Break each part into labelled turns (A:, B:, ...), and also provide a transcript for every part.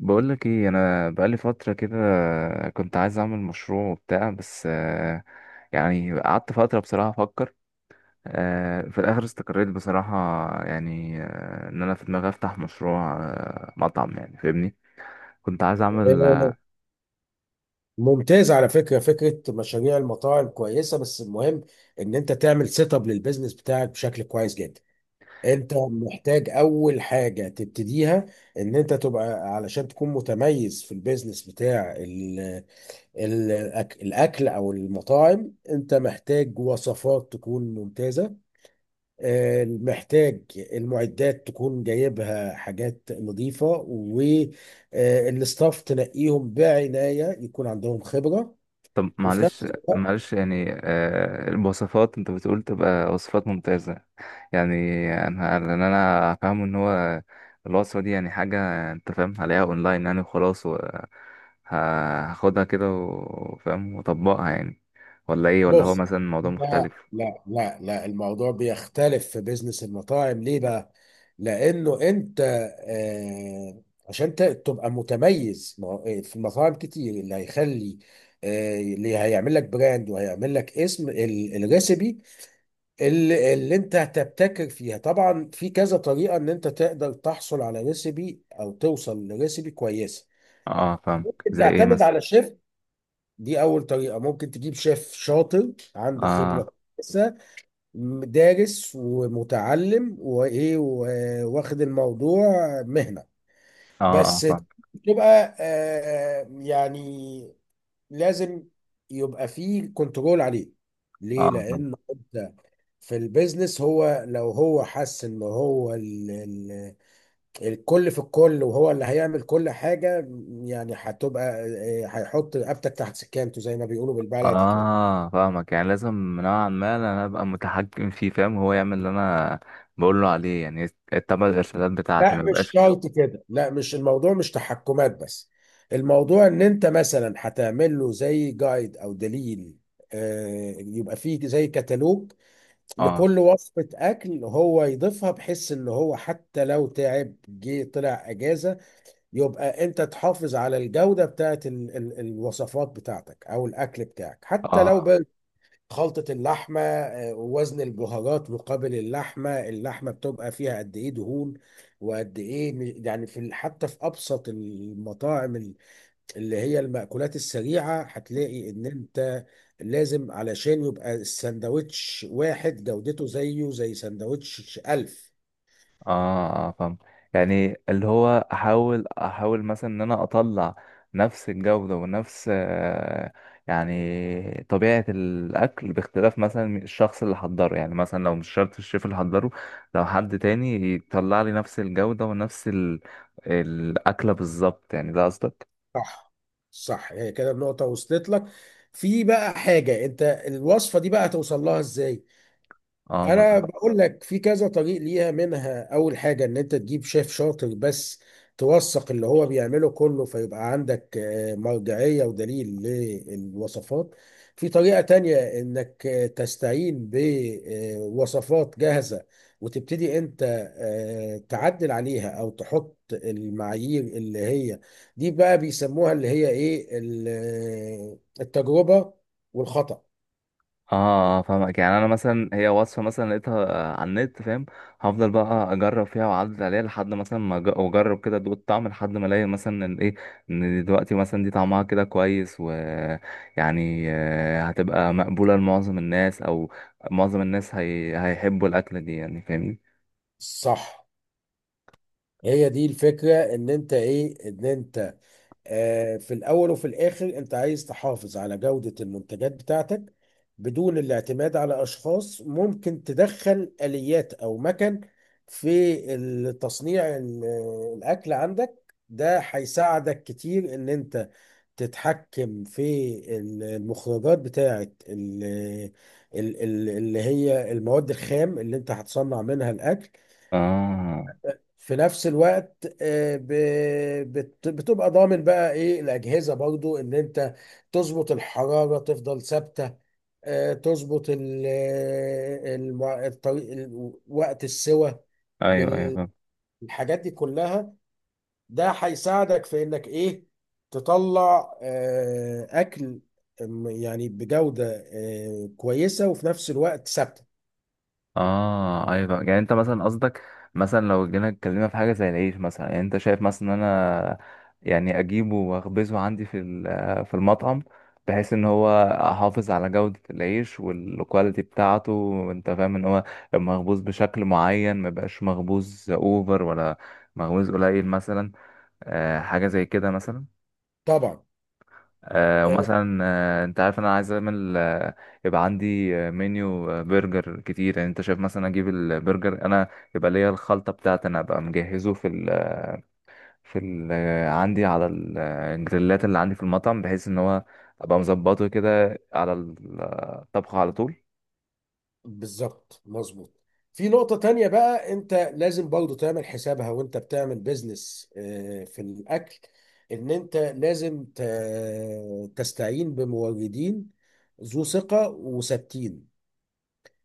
A: بقولك ايه؟ انا بقالي فترة كده كنت عايز اعمل مشروع وبتاع، بس يعني قعدت فترة بصراحة افكر. في الاخر استقريت بصراحة، يعني ان انا في دماغي افتح مشروع، مطعم، يعني فاهمني. كنت عايز اعمل
B: آه، ممتاز. على فكرة فكرة مشاريع المطاعم كويسة، بس المهم ان انت تعمل سيت اب للبيزنس بتاعك بشكل كويس جدا. انت محتاج اول حاجة تبتديها ان انت تبقى، علشان تكون متميز في البيزنس بتاع ال الاكل او المطاعم، انت محتاج وصفات تكون ممتازة. محتاج المعدات تكون جايبها حاجات نظيفة، والستاف تنقيهم بعناية يكون عندهم خبرة.
A: طب
B: وفي
A: معلش
B: نفس الوقت،
A: معلش، يعني الوصفات انت بتقول تبقى وصفات ممتازة. يعني انا، لان انا فاهم ان هو الوصفه دي يعني حاجه، انت فاهم، هلاقيها اونلاين يعني وخلاص، و ه- هاخدها كده وفاهم واطبقها يعني. ولا ايه؟ ولا هو
B: بص.
A: مثلا موضوع
B: لا
A: مختلف؟
B: لا لا لا، الموضوع بيختلف في بيزنس المطاعم، ليه بقى؟ لأنه أنت عشان تبقى متميز. ما هو- آه، في المطاعم كتير اللي هيخلي، اللي هيعمل لك براند وهيعمل لك اسم الريسبي اللي انت هتبتكر فيها. طبعا في كذا طريقة ان انت تقدر تحصل على ريسيبي او توصل لريسيبي كويسة.
A: اه، فاهم.
B: انت
A: زي ايه
B: تعتمد
A: مثلا؟
B: على شيف، دي اول طريقة. ممكن تجيب شيف شاطر عنده
A: اه
B: خبرة كويسة، دارس ومتعلم وايه واخد الموضوع مهنة.
A: اه
B: بس
A: اه، فاهم.
B: تبقى يعني لازم يبقى فيه كنترول عليه. ليه؟
A: اه، فاهم.
B: لان انت في البيزنس، هو لو هو حس ان هو ال الكل في الكل وهو اللي هيعمل كل حاجة، يعني هتبقى، هيحط رقبتك تحت سكانته زي ما بيقولوا بالبلدي كده.
A: اه، فاهمك. يعني لازم نوعا ما انا ابقى متحكم فيه، فاهم هو يعمل اللي انا بقول له عليه يعني، يتبع الارشادات بتاعتي
B: لا،
A: ما
B: مش
A: يبقاش.
B: شرط كده، لا، مش الموضوع مش تحكمات بس. الموضوع ان انت مثلا هتعمل له زي جايد او دليل، يبقى فيه زي كتالوج
A: اه
B: لكل وصفة أكل هو يضيفها، بحيث إن هو حتى لو تعب جه طلع أجازة، يبقى انت تحافظ على الجودة بتاعت ال الوصفات بتاعتك او الاكل بتاعك. حتى لو
A: اه
B: بقى خلطة اللحمة، ووزن البهارات مقابل اللحمة، اللحمة بتبقى فيها قد ايه دهون، وقد ايه، يعني في حتى في ابسط المطاعم، اللي هي المأكولات السريعة، هتلاقي ان انت لازم، علشان يبقى السندوتش واحد جودته زيه زي سندوتش ألف.
A: اه اه، فاهم. يعني اللي هو احاول مثلا ان انا اطلع نفس الجودة ونفس يعني طبيعة الاكل، باختلاف مثلا الشخص اللي حضره. يعني مثلا لو مش شرط الشيف اللي حضره، لو حد تاني يطلع لي نفس الجودة ونفس الاكلة بالظبط، يعني ده قصدك؟
B: صح، صح، هي كده النقطة وصلت لك. في بقى حاجة انت، الوصفة دي بقى هتوصل لها ازاي؟ انا
A: اه
B: بقول لك في كذا طريق ليها، منها اول حاجه ان انت تجيب شيف شاطر، بس توثق اللي هو بيعمله كله، فيبقى عندك مرجعيه ودليل للوصفات. في طريقه تانية انك تستعين بوصفات جاهزه وتبتدي انت تعدل عليها او تحط المعايير اللي هي، دي بقى بيسموها اللي هي ايه، التجربه والخطأ.
A: اه، فاهمك. يعني انا مثلا هي وصفه مثلا لقيتها على النت، فاهم؟ هفضل بقى اجرب فيها واعدل عليها لحد مثلا ما واجرب كده ادوق الطعم لحد ما الاقي مثلا ان ايه، ان دلوقتي مثلا دي طعمها كده كويس ويعني هتبقى مقبوله لمعظم الناس، او معظم الناس هيحبوا الاكله دي، يعني فاهمني؟
B: صح، هي دي الفكرة، ان انت ايه، ان انت في الاول وفي الاخر انت عايز تحافظ على جودة المنتجات بتاعتك بدون الاعتماد على اشخاص. ممكن تدخل اليات او مكن في تصنيع الاكل عندك، ده هيساعدك كتير ان انت تتحكم في المخرجات بتاعت اللي هي المواد الخام اللي انت هتصنع منها الاكل.
A: اه
B: في نفس الوقت بتبقى ضامن بقى ايه الاجهزه برضو، ان انت تظبط الحراره تفضل ثابته، تظبط الطريق، وقت السوى،
A: ايوه ايوه، فاهم.
B: بالحاجات دي كلها. ده هيساعدك في انك ايه، تطلع اكل يعني بجوده كويسه وفي نفس الوقت ثابته.
A: اه ايوه، يعني انت مثلا قصدك، مثلا لو جينا اتكلمنا في حاجه زي العيش مثلا، يعني انت شايف مثلا ان انا يعني اجيبه واخبزه عندي في المطعم، بحيث ان هو احافظ على جوده العيش والكواليتي بتاعته، وانت فاهم ان هو مخبوز بشكل معين، ما يبقاش مخبوز اوفر، ولا مخبوز قليل مثلا. حاجه زي كده مثلا.
B: طبعا. آه،
A: ومثلا انت عارف انا عايز اعمل يبقى عندي منيو برجر كتير. يعني انت شايف مثلا اجيب البرجر انا، يبقى ليا الخلطه بتاعتي انا، ابقى مجهزه في ال في ال آه، عندي على الجريلات اللي عندي في المطعم، بحيث ان هو ابقى مظبطه كده على الطبخه على طول.
B: بالظبط، مظبوط. في نقطة تانية بقى، انت لازم برضو تعمل حسابها وانت بتعمل بيزنس في الأكل، ان انت لازم تستعين بموردين ذو ثقة وثابتين.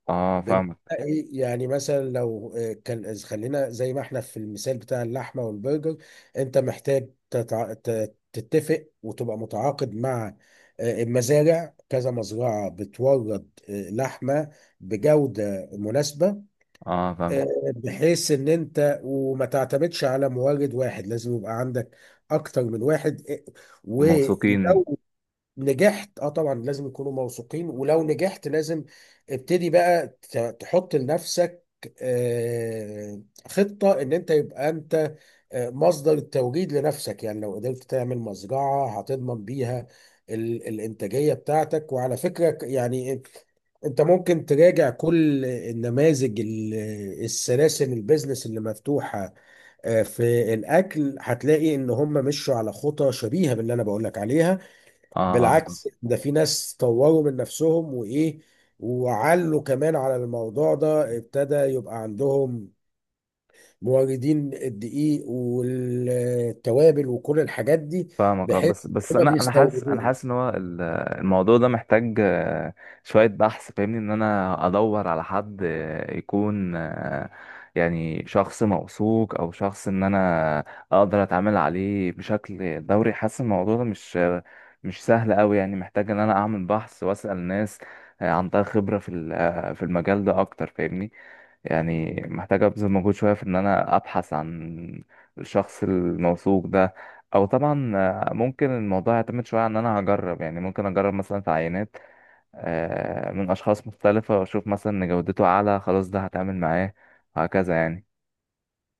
A: اه،
B: بمعنى
A: فاهمك.
B: ايه؟ يعني مثلا لو خلينا زي ما احنا في المثال بتاع اللحمه والبرجر، انت محتاج تتفق وتبقى متعاقد مع المزارع، كذا مزرعه بتورد لحمه بجوده مناسبه.
A: اه، فاهم.
B: آه، بحيث ان انت وما تعتمدش على مورد واحد، لازم يبقى عندك اكتر من واحد.
A: موثوقين.
B: ولو نجحت، اه طبعا لازم يكونوا موثوقين، ولو نجحت لازم ابتدي بقى تحط لنفسك آه، خطة ان انت يبقى انت مصدر التوجيد لنفسك. يعني لو قدرت تعمل مزرعة هتضمن بيها الانتاجية بتاعتك. وعلى فكرة، يعني انت ممكن تراجع كل النماذج، السلاسل البيزنس اللي مفتوحة في الاكل، هتلاقي ان هم مشوا على خطى شبيهة باللي انا بقولك عليها.
A: اه، آه، آه.
B: بالعكس، ده في ناس طوروا من نفسهم وايه، وعلوا كمان على الموضوع ده، ابتدى يبقى عندهم موردين الدقيق والتوابل وكل الحاجات دي،
A: فاهمك. اه
B: بحيث
A: بس
B: كنا
A: انا انا حاسس انا
B: بيستوردوها.
A: حاسس ان هو الموضوع ده محتاج شويه بحث، فاهمني. ان انا ادور على حد يكون يعني شخص موثوق، او شخص ان انا اقدر اتعامل عليه بشكل دوري. حاسس الموضوع ده مش سهل قوي، يعني محتاج ان انا اعمل بحث واسال ناس عندها خبره في ال- آه، في المجال ده اكتر، فاهمني. يعني محتاج ابذل مجهود شويه في ان انا ابحث عن الشخص الموثوق ده. او طبعا ممكن الموضوع يعتمد شويه عن ان انا هجرب. يعني ممكن اجرب مثلا في عينات من اشخاص مختلفه، واشوف مثلا ان جودته اعلى، خلاص ده هتعامل معاه، وهكذا يعني.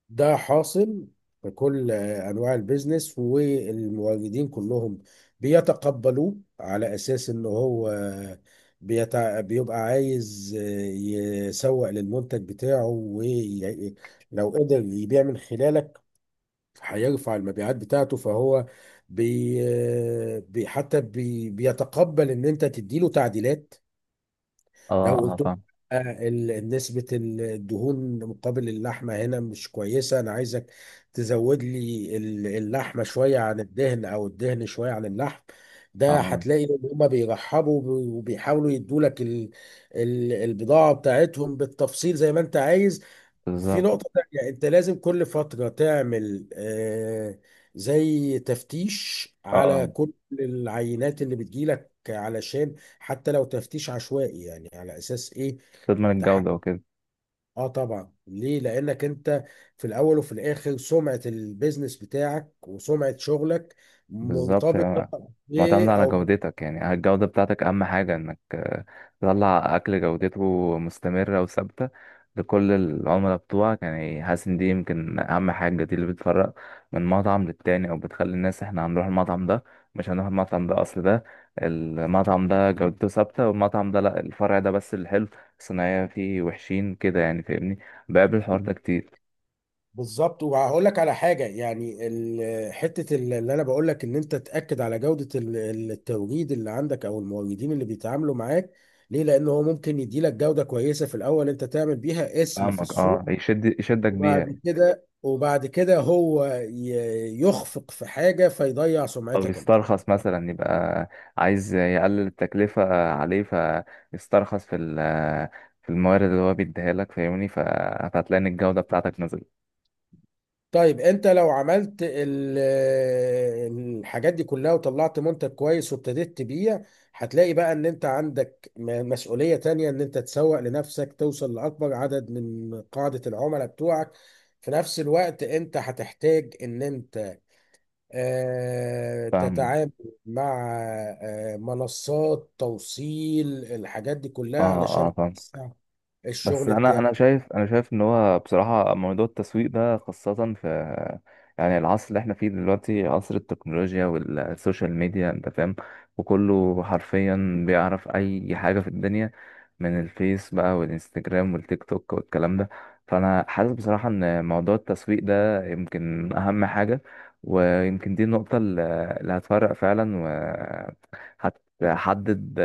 B: ده حاصل في كل انواع البيزنس، والمواجدين كلهم بيتقبلوه على اساس ان هو بيبقى عايز يسوق للمنتج بتاعه، ولو قدر يبيع من خلالك هيرفع المبيعات بتاعته، فهو بي... حتى بيتقبل ان انت تديله تعديلات.
A: اه
B: لو
A: اه،
B: قلت لهم
A: فاهم.
B: نسبة الدهون مقابل اللحمة هنا مش كويسة، أنا عايزك تزود لي اللحمة شوية عن الدهن أو الدهن شوية عن اللحم، ده
A: اه،
B: هتلاقي إن هما بيرحبوا وبيحاولوا يدولك البضاعة بتاعتهم بالتفصيل زي ما أنت عايز. في
A: بالظبط.
B: نقطة تانية يعني أنت لازم كل فترة تعمل زي تفتيش
A: اه،
B: على كل العينات اللي بتجيلك، علشان حتى لو تفتيش عشوائي، يعني على أساس إيه،
A: تضمن الجوده
B: تحقق.
A: وكده.
B: آه طبعا. ليه؟ لأنك أنت في الأول وفي الآخر، سمعة البيزنس بتاعك وسمعة شغلك
A: بالظبط،
B: مرتبطة
A: يعني معتمد
B: ب-
A: على
B: أو
A: جودتك، يعني الجودة بتاعتك أهم حاجة، إنك تطلع أكل جودته مستمرة وثابتة لكل العملاء بتوعك. يعني حاسس إن دي يمكن أهم حاجة، دي اللي بتفرق من مطعم للتاني، أو بتخلي الناس إحنا هنروح المطعم ده، مش هنروح المطعم ده، أصل ده المطعم ده جودته ثابتة، والمطعم ده لأ، الفرع ده بس اللي حلو، الصناعية فيه وحشين كده، يعني فاهمني. بقابل الحوار ده كتير.
B: بالظبط. وهقول لك على حاجه، يعني حته اللي انا بقول لك ان انت تاكد على جوده التوريد اللي عندك او الموردين اللي بيتعاملوا معاك، ليه؟ لان هو ممكن يدي لك جوده كويسه في الاول، انت تعمل بيها اسم في
A: فاهمك، اه،
B: السوق،
A: يشدك
B: وبعد
A: بيها.
B: كده وبعد كده هو يخفق في حاجه فيضيع
A: او
B: سمعتك انت.
A: يسترخص مثلا، يبقى عايز يقلل التكلفة عليه، فيسترخص في الموارد اللي هو بيديها لك، فاهمني. فهتلاقي ان الجودة بتاعتك نزلت.
B: طيب، انت لو عملت الحاجات دي كلها وطلعت منتج كويس وابتديت تبيع، هتلاقي بقى ان انت عندك مسؤولية تانية، ان انت تسوق لنفسك، توصل لأكبر عدد من قاعدة العملاء بتوعك. في نفس الوقت انت هتحتاج ان انت
A: فاهمه.
B: تتعامل مع منصات توصيل، الحاجات دي كلها
A: اه
B: علشان
A: اه
B: تسع
A: بس
B: الشغل
A: انا انا
B: بتاعك.
A: شايف انا شايف ان هو بصراحه موضوع التسويق ده، خاصه في، يعني، العصر اللي احنا فيه دلوقتي، عصر التكنولوجيا والسوشيال ميديا، انت فاهم، وكله حرفيا بيعرف اي حاجه في الدنيا، من الفيس بقى، والانستجرام، والتيك توك، والكلام ده. فانا حاسس بصراحه ان موضوع التسويق ده يمكن اهم حاجه، ويمكن دي النقطه اللي هتفرق فعلا، وهتحدد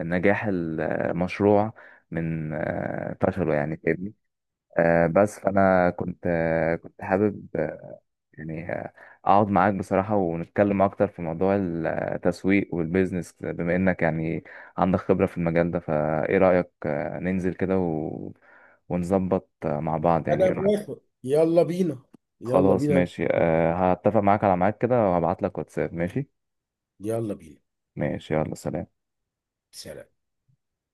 A: نجاح المشروع من فشله، يعني فاهمني. بس فانا كنت كنت حابب يعني اقعد معاك بصراحة، ونتكلم اكتر في موضوع التسويق والبيزنس، بما انك يعني عندك خبرة في المجال ده. فايه رأيك ننزل كده ونظبط مع بعض، يعني
B: انا
A: ايه رأيك؟
B: موافق، يلا بينا، يلا
A: خلاص
B: بينا،
A: ماشي، هتفق معاك على ميعاد كده، وهبعت لك واتساب. ماشي.
B: يلا بينا،
A: ماشي يلا، سلام.
B: سلام.